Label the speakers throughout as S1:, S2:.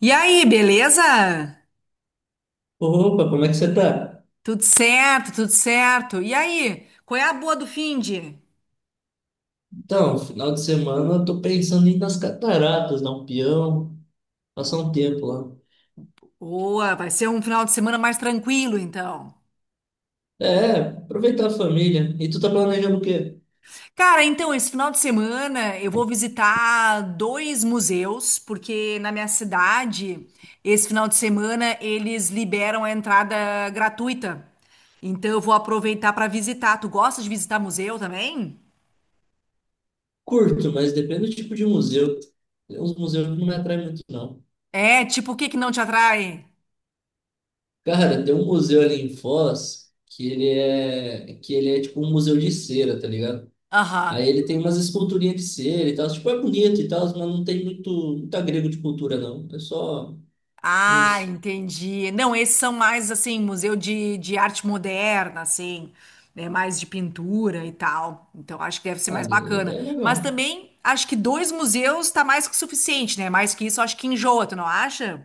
S1: E aí, beleza?
S2: Opa, como é que você tá?
S1: Tudo certo, tudo certo. E aí, qual é a boa do finde?
S2: Então, final de semana eu tô pensando em ir nas cataratas, dar um peão, passar um tempo lá.
S1: Boa, vai ser um final de semana mais tranquilo, então.
S2: É, aproveitar a família. E tu tá planejando o quê?
S1: Cara, então, esse final de semana eu vou visitar dois museus, porque na minha cidade, esse final de semana, eles liberam a entrada gratuita. Então, eu vou aproveitar para visitar. Tu gosta de visitar museu também?
S2: Curto, mas depende do tipo de museu. Tem uns museus que não me atraem muito, não.
S1: É, tipo, o que que não te atrai?
S2: Cara, tem um museu ali em Foz que ele é, tipo um museu de cera, tá ligado?
S1: Aham.
S2: Aí ele tem umas esculturinhas de cera e tal. Tipo, é bonito e tal, mas não tem muito, muito agrego de cultura, não. É só
S1: Ah,
S2: uns...
S1: entendi. Não, esses são mais assim, museu de arte moderna, assim, né? Mais de pintura e tal. Então acho que deve ser mais
S2: Ah, é
S1: bacana.
S2: é
S1: Mas
S2: legal.
S1: também acho que dois museus tá mais que suficiente, né? Mais que isso, acho que enjoa, tu não acha?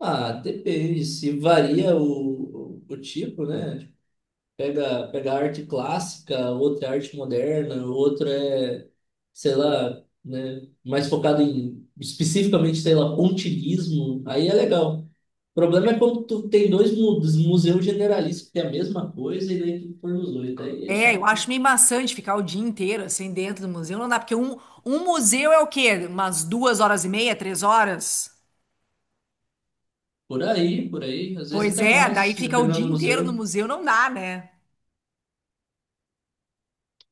S2: Ah, depende, se varia o tipo, né? Tipo, pega arte clássica, outra é arte moderna, outra é, sei lá, né? Mais focado em, especificamente, sei lá, pontilhismo, aí é legal. O problema é quando tu tem dois museus generalistas que tem a mesma coisa e daí tu põe os dois, daí é
S1: É, eu
S2: chato.
S1: acho meio maçante ficar o dia inteiro assim dentro do museu. Não dá, porque um museu é o quê? Umas duas horas e meia, três horas?
S2: Por aí, às vezes
S1: Pois
S2: até
S1: é, daí
S2: mais,
S1: fica o
S2: dependendo
S1: dia
S2: do
S1: inteiro no
S2: museu.
S1: museu, não dá, né?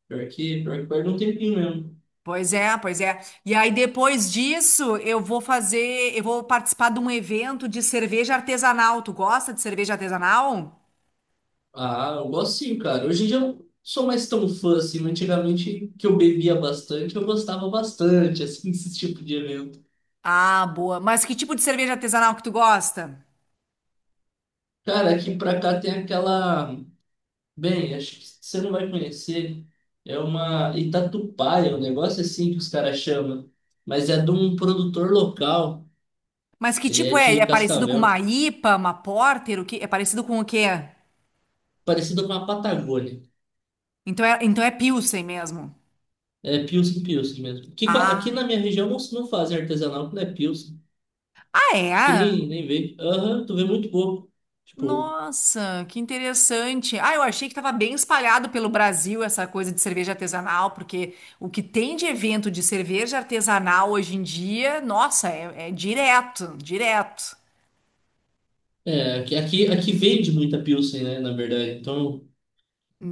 S2: pior que perde um tempinho mesmo.
S1: Pois é, pois é. E aí depois disso, eu vou participar de um evento de cerveja artesanal. Tu gosta de cerveja artesanal?
S2: Ah, eu gosto sim, cara. Hoje em dia eu não sou mais tão fã assim, mas antigamente, que eu bebia bastante, eu gostava bastante, assim, desse tipo de evento.
S1: Ah, boa. Mas que tipo de cerveja artesanal que tu gosta?
S2: Cara, aqui pra cá tem aquela. Bem, acho que você não vai conhecer. É uma Itatupaia, um negócio assim que os caras chamam. Mas é de um produtor local.
S1: Mas que
S2: Ele é
S1: tipo é?
S2: de
S1: É parecido com
S2: Cascavel,
S1: uma IPA, uma Porter, o que? É parecido com o quê?
S2: parecido com a Patagônia.
S1: Então é Pilsen mesmo.
S2: É Pilsen, Pilsen mesmo. Aqui, aqui na
S1: Ah,
S2: minha região não, fazem artesanal, não é Pilsen.
S1: ah,
S2: Acho que
S1: é?
S2: nem vê. Aham, tu vê muito pouco. Tipo,
S1: Nossa, que interessante. Ah, eu achei que estava bem espalhado pelo Brasil essa coisa de cerveja artesanal, porque o que tem de evento de cerveja artesanal hoje em dia, nossa, é direto, direto.
S2: é, aqui vende muita Pilsen, né, na verdade. Então,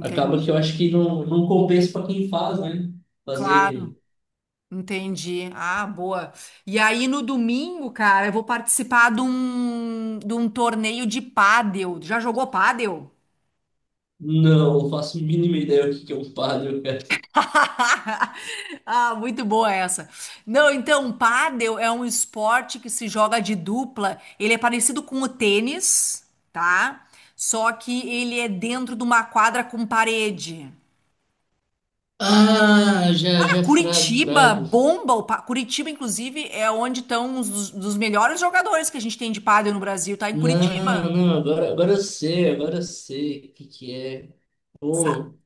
S2: acaba que eu acho que não compensa para quem faz, né?
S1: Claro,
S2: Fazer.
S1: entendi. Ah, boa. E aí no domingo, cara, eu vou participar de um torneio de pádel. Já jogou pádel?
S2: Não, eu faço a mínima ideia o que que é um Paddle, cara.
S1: Ah, muito boa essa. Não, então, pádel é um esporte que se joga de dupla. Ele é parecido com o tênis, tá? Só que ele é dentro de uma quadra com parede.
S2: Ah, já,
S1: Cara,
S2: já, frago,
S1: Curitiba
S2: frago.
S1: bomba. O pá- Curitiba, inclusive, é onde estão dos melhores jogadores que a gente tem de pádel no Brasil, tá? Em
S2: Não,
S1: Curitiba.
S2: não, agora eu sei o que que é.
S1: Sa-
S2: Pô,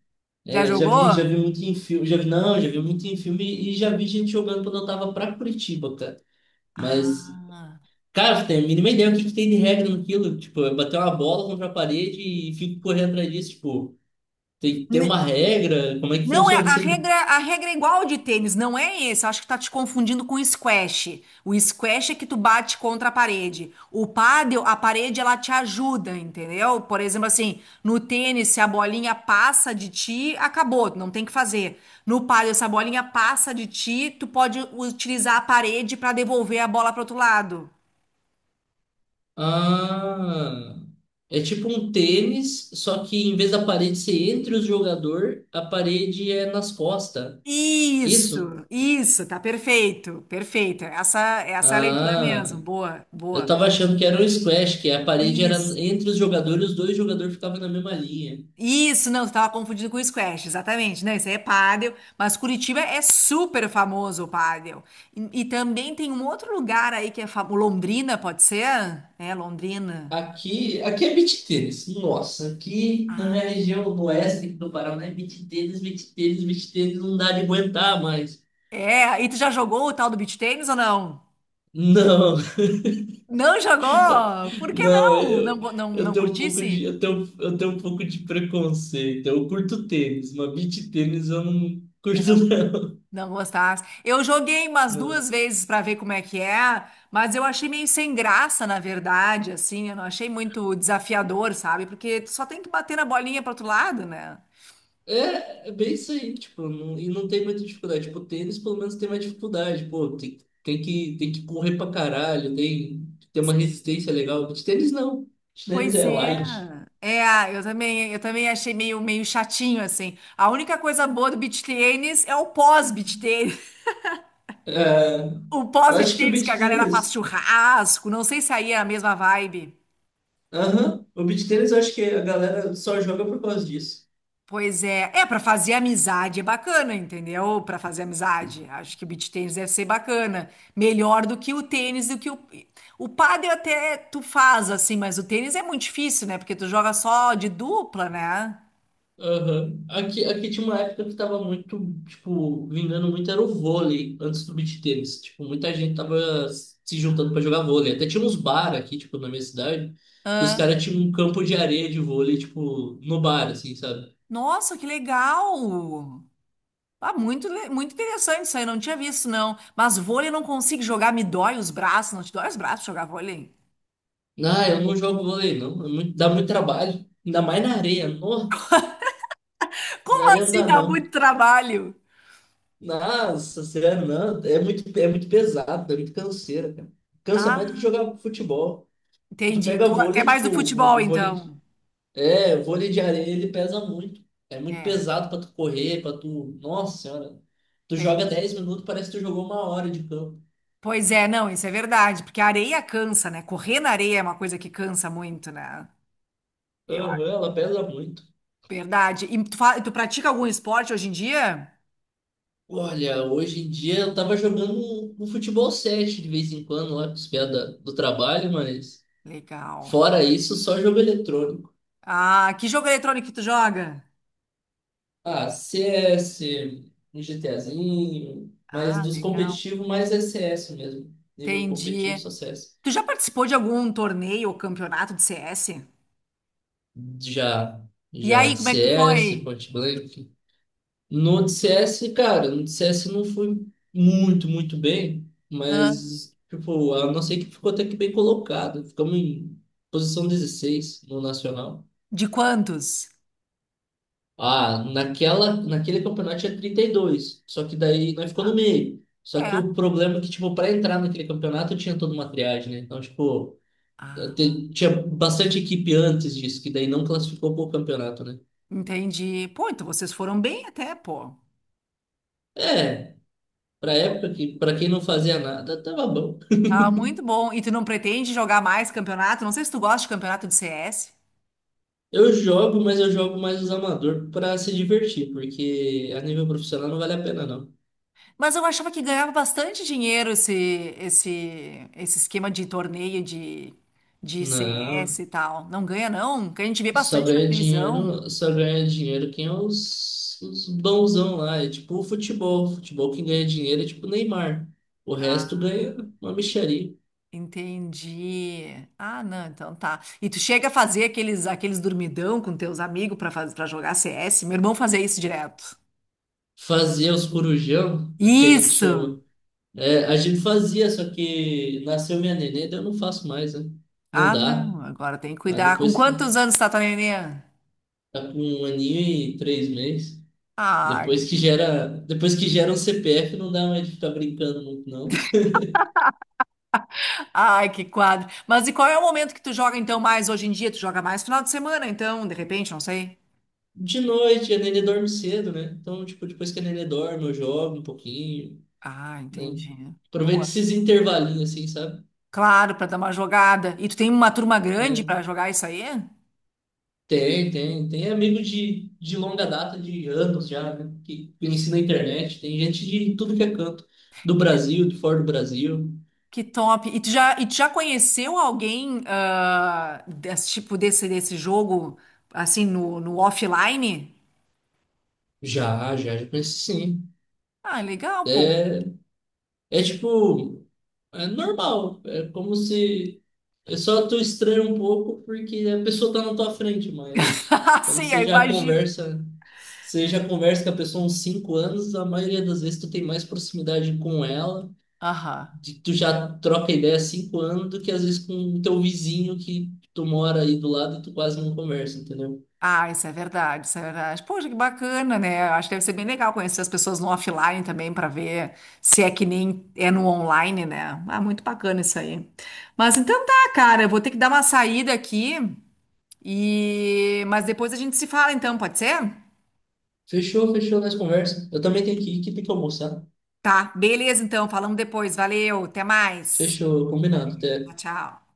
S1: Já
S2: é, já
S1: jogou?
S2: vi, já vi muito em filme, já vi, não, já vi muito em filme e já vi gente jogando quando eu tava pra Curitiba, cara. Mas...
S1: Ah.
S2: Cara, você tem a mínima ideia o que, que tem de regra naquilo? Tipo, é bater uma bola contra a parede e fico correndo atrás disso. Tipo, tem uma regra? Como é que
S1: Não, é
S2: funciona
S1: a
S2: isso aí?
S1: regra, a regra é igual de tênis, não é esse. Eu acho que tá te confundindo com o squash. O squash é que tu bate contra a parede. O pádel, a parede, ela te ajuda, entendeu? Por exemplo, assim, no tênis, se a bolinha passa de ti, acabou, tu não tem o que fazer. No pádel, se a bolinha passa de ti, tu pode utilizar a parede para devolver a bola para outro lado.
S2: Ah, é tipo um tênis, só que em vez da parede ser entre os jogadores, a parede é nas costas. Isso?
S1: Isso, tá perfeito, perfeito. Essa é a leitura mesmo.
S2: Ah,
S1: Boa,
S2: eu
S1: boa.
S2: tava achando que era um squash, que a parede era
S1: Isso.
S2: entre os jogadores, os dois jogadores ficavam na mesma linha.
S1: Isso, não, estava confundido com o squash, exatamente. Não, isso aí é pádel, mas Curitiba é super famoso o pádel. E também tem um outro lugar aí que é famoso, Londrina, pode ser? É, Londrina.
S2: aqui, é beach tênis. Nossa, aqui na minha
S1: Ah.
S2: região no oeste do Paraná é beach tênis, beach tênis, beach tênis, não dá de aguentar mais.
S1: É, e tu já jogou o tal do beach tennis ou não?
S2: Não,
S1: Não jogou? Por que
S2: não,
S1: não? Não,
S2: eu,
S1: go- não,
S2: eu
S1: não
S2: tenho um pouco de,
S1: curtisse?
S2: eu tenho um pouco de preconceito. Eu curto tênis, mas beach tênis eu não
S1: É,
S2: curto
S1: não. Não gostasse. Eu joguei umas
S2: não.
S1: duas vezes para ver como é que é, mas eu achei meio sem graça, na verdade, assim, eu não achei muito desafiador, sabe? Porque tu só tem que bater na bolinha pro outro lado, né?
S2: É bem isso aí, tipo, e não tem muita dificuldade. Tipo, tênis pelo menos tem mais dificuldade, pô, tem, tem que correr pra caralho, tem, tem, uma resistência legal. De tênis não, de tênis
S1: Pois
S2: é
S1: é.
S2: light.
S1: É, eu também achei meio chatinho, assim. A única coisa boa do beach tennis é o pós-beach tennis.
S2: É,
S1: O
S2: eu
S1: pós-beach
S2: acho que o
S1: tennis que a
S2: beach
S1: galera faz
S2: tênis.
S1: churrasco, não sei se aí é a mesma vibe.
S2: Aham. O beach tênis eu acho que a galera só joga por causa disso.
S1: Pois é, é para fazer amizade é bacana, entendeu? Para fazer amizade, acho que o beach tênis deve ser bacana, melhor do que o tênis, do que o pádel até tu faz assim, mas o tênis é muito difícil, né? Porque tu joga só de dupla, né?
S2: Aham. aqui tinha uma época que tava muito, tipo, vingando muito era o vôlei antes do beach tênis. Tipo, muita gente tava se juntando pra jogar vôlei. Até tinha uns bar aqui, tipo, na minha cidade, que os
S1: Ah,
S2: caras tinham um campo de areia de vôlei, tipo, no bar, assim, sabe?
S1: nossa, que legal! Ah, muito, le- muito interessante isso aí, não tinha visto não. Mas vôlei eu não consigo jogar, me dói os braços, não te dói os braços jogar vôlei?
S2: Ah, eu não jogo vôlei, não. É dá muito trabalho. Ainda mais na areia. Não, na
S1: Como
S2: areia não
S1: assim
S2: dá,
S1: dá
S2: não.
S1: muito trabalho?
S2: Nossa, sério, não. é muito, pesado, é muito canseira, cara. Cansa mais do que
S1: Ah,
S2: jogar futebol. Tu
S1: entendi.
S2: pega
S1: Tu até
S2: vôlei,
S1: mais do
S2: tipo,
S1: futebol
S2: vôlei,
S1: então.
S2: é, vôlei de areia, ele pesa muito. É muito
S1: É,
S2: pesado pra tu correr, pra tu... Nossa senhora. Tu
S1: tem.
S2: joga 10 minutos, parece que tu jogou uma hora de campo.
S1: Pois é, não, isso é verdade, porque a areia cansa, né? Correr na areia é uma coisa que cansa muito, né? Eu
S2: Aham,
S1: acho.
S2: ela pesa muito.
S1: Verdade. E tu, fa- tu pratica algum esporte hoje em dia?
S2: Olha, hoje em dia eu tava jogando um futebol 7 de vez em quando lá com os pés do trabalho, mas
S1: Legal.
S2: fora isso, só jogo eletrônico.
S1: Ah, que jogo eletrônico que tu joga?
S2: Ah, CS, um GTAzinho, mas
S1: Ah,
S2: dos
S1: legal.
S2: competitivos mais é CS mesmo. Nível competitivo
S1: Entendi.
S2: só CS.
S1: Tu já participou de algum torneio ou campeonato de CS?
S2: Já,
S1: E
S2: já
S1: aí,
S2: de
S1: como é que tu
S2: CS,
S1: foi?
S2: Point Blank. No de CS, cara, no de CS não fui muito, muito bem,
S1: Hã?
S2: mas, tipo, a nossa equipe ficou até que bem colocada. Ficamos em posição 16 no Nacional.
S1: De quantos?
S2: Ah, naquele campeonato tinha 32. Só que daí nós ficou no
S1: Ah,
S2: meio. Só que
S1: é.
S2: o problema é que, tipo, para entrar naquele campeonato tinha toda uma triagem, né? Então, tipo,
S1: Ah,
S2: tinha bastante equipe antes disso, que daí não classificou pro campeonato, né?
S1: entendi. Pô, então vocês foram bem até, pô.
S2: É, pra época que, pra quem não fazia nada, tava bom.
S1: Ah, muito bom. E tu não pretende jogar mais campeonato? Não sei se tu gosta de campeonato de CS,
S2: Eu jogo, mas eu jogo mais os amador pra se divertir, porque a nível profissional não vale a pena, não.
S1: mas eu achava que ganhava bastante dinheiro esse esse esquema de torneio de CS
S2: Não.
S1: e tal. Não ganha não? Porque a gente vê
S2: Só
S1: bastante na
S2: ganha
S1: televisão.
S2: dinheiro, só ganha dinheiro quem é os bonzão lá. É tipo o futebol. Futebol quem ganha dinheiro é tipo o Neymar. O resto ganha
S1: Ah,
S2: uma mixaria.
S1: entendi. Ah, não, então tá. E tu chega a fazer aqueles dormidão com teus amigos para fazer para jogar CS? Meu irmão fazia isso direto.
S2: Fazia os corujão, aqui a gente
S1: Isso.
S2: chama. É, a gente fazia, só que nasceu minha nenê, daí eu não faço mais, né? Não
S1: Ah,
S2: dá.
S1: não, agora tem que
S2: Ah,
S1: cuidar. Com
S2: depois que
S1: quantos anos tá tua neném?
S2: tá com um aninho e 3 meses.
S1: Ai, que
S2: Depois que
S1: bonito.
S2: gera, depois que gera um CPF, não dá mais de ficar brincando muito, não.
S1: Ai, que quadro. Mas e qual é o momento que tu joga então mais hoje em dia? Tu joga mais final de semana, então, de repente, não sei.
S2: De noite, a Nenê dorme cedo, né? Então, tipo, depois que a Nenê dorme, eu jogo um pouquinho,
S1: Ah,
S2: né?
S1: entendi.
S2: Aproveito
S1: Boa.
S2: esses intervalinhos, assim, sabe?
S1: Claro, pra dar uma jogada. E tu tem uma turma grande
S2: É.
S1: pra jogar isso aí?
S2: Tem, tem. Tem amigo de longa data, de anos já, né? Que conheci na internet. Tem gente de tudo que é canto. Do Brasil, de fora do Brasil.
S1: Que top. E tu já conheceu alguém ah, desse tipo desse jogo assim no, no offline?
S2: Já, já, já conheci sim.
S1: Ah, legal, pô.
S2: É, é tipo... É normal. É como se... É só tu estranha um pouco porque a pessoa tá na tua frente, mas... Quando
S1: Sim, eu
S2: você já
S1: imagino.
S2: conversa... Você já conversa com a pessoa há uns 5 anos, a maioria das vezes tu tem mais proximidade com ela,
S1: Aham.
S2: tu já troca ideia há 5 anos do que às vezes com o teu vizinho que tu mora aí do lado e tu quase não conversa, entendeu?
S1: Ah, isso é verdade, isso é verdade. Poxa, que bacana, né? Eu acho que deve ser bem legal conhecer as pessoas no offline também para ver se é que nem é no online, né? Ah, muito bacana isso aí. Mas então tá, cara, eu vou ter que dar uma saída aqui e mas depois a gente se fala então, pode ser?
S2: Fechou, fechou, nós conversa. Eu também tenho que ir, que tem que almoçar.
S1: Tá, beleza então, falamos depois. Valeu, até mais.
S2: Fechou,
S1: Valeu,
S2: combinado,
S1: tchau,
S2: até.
S1: tchau.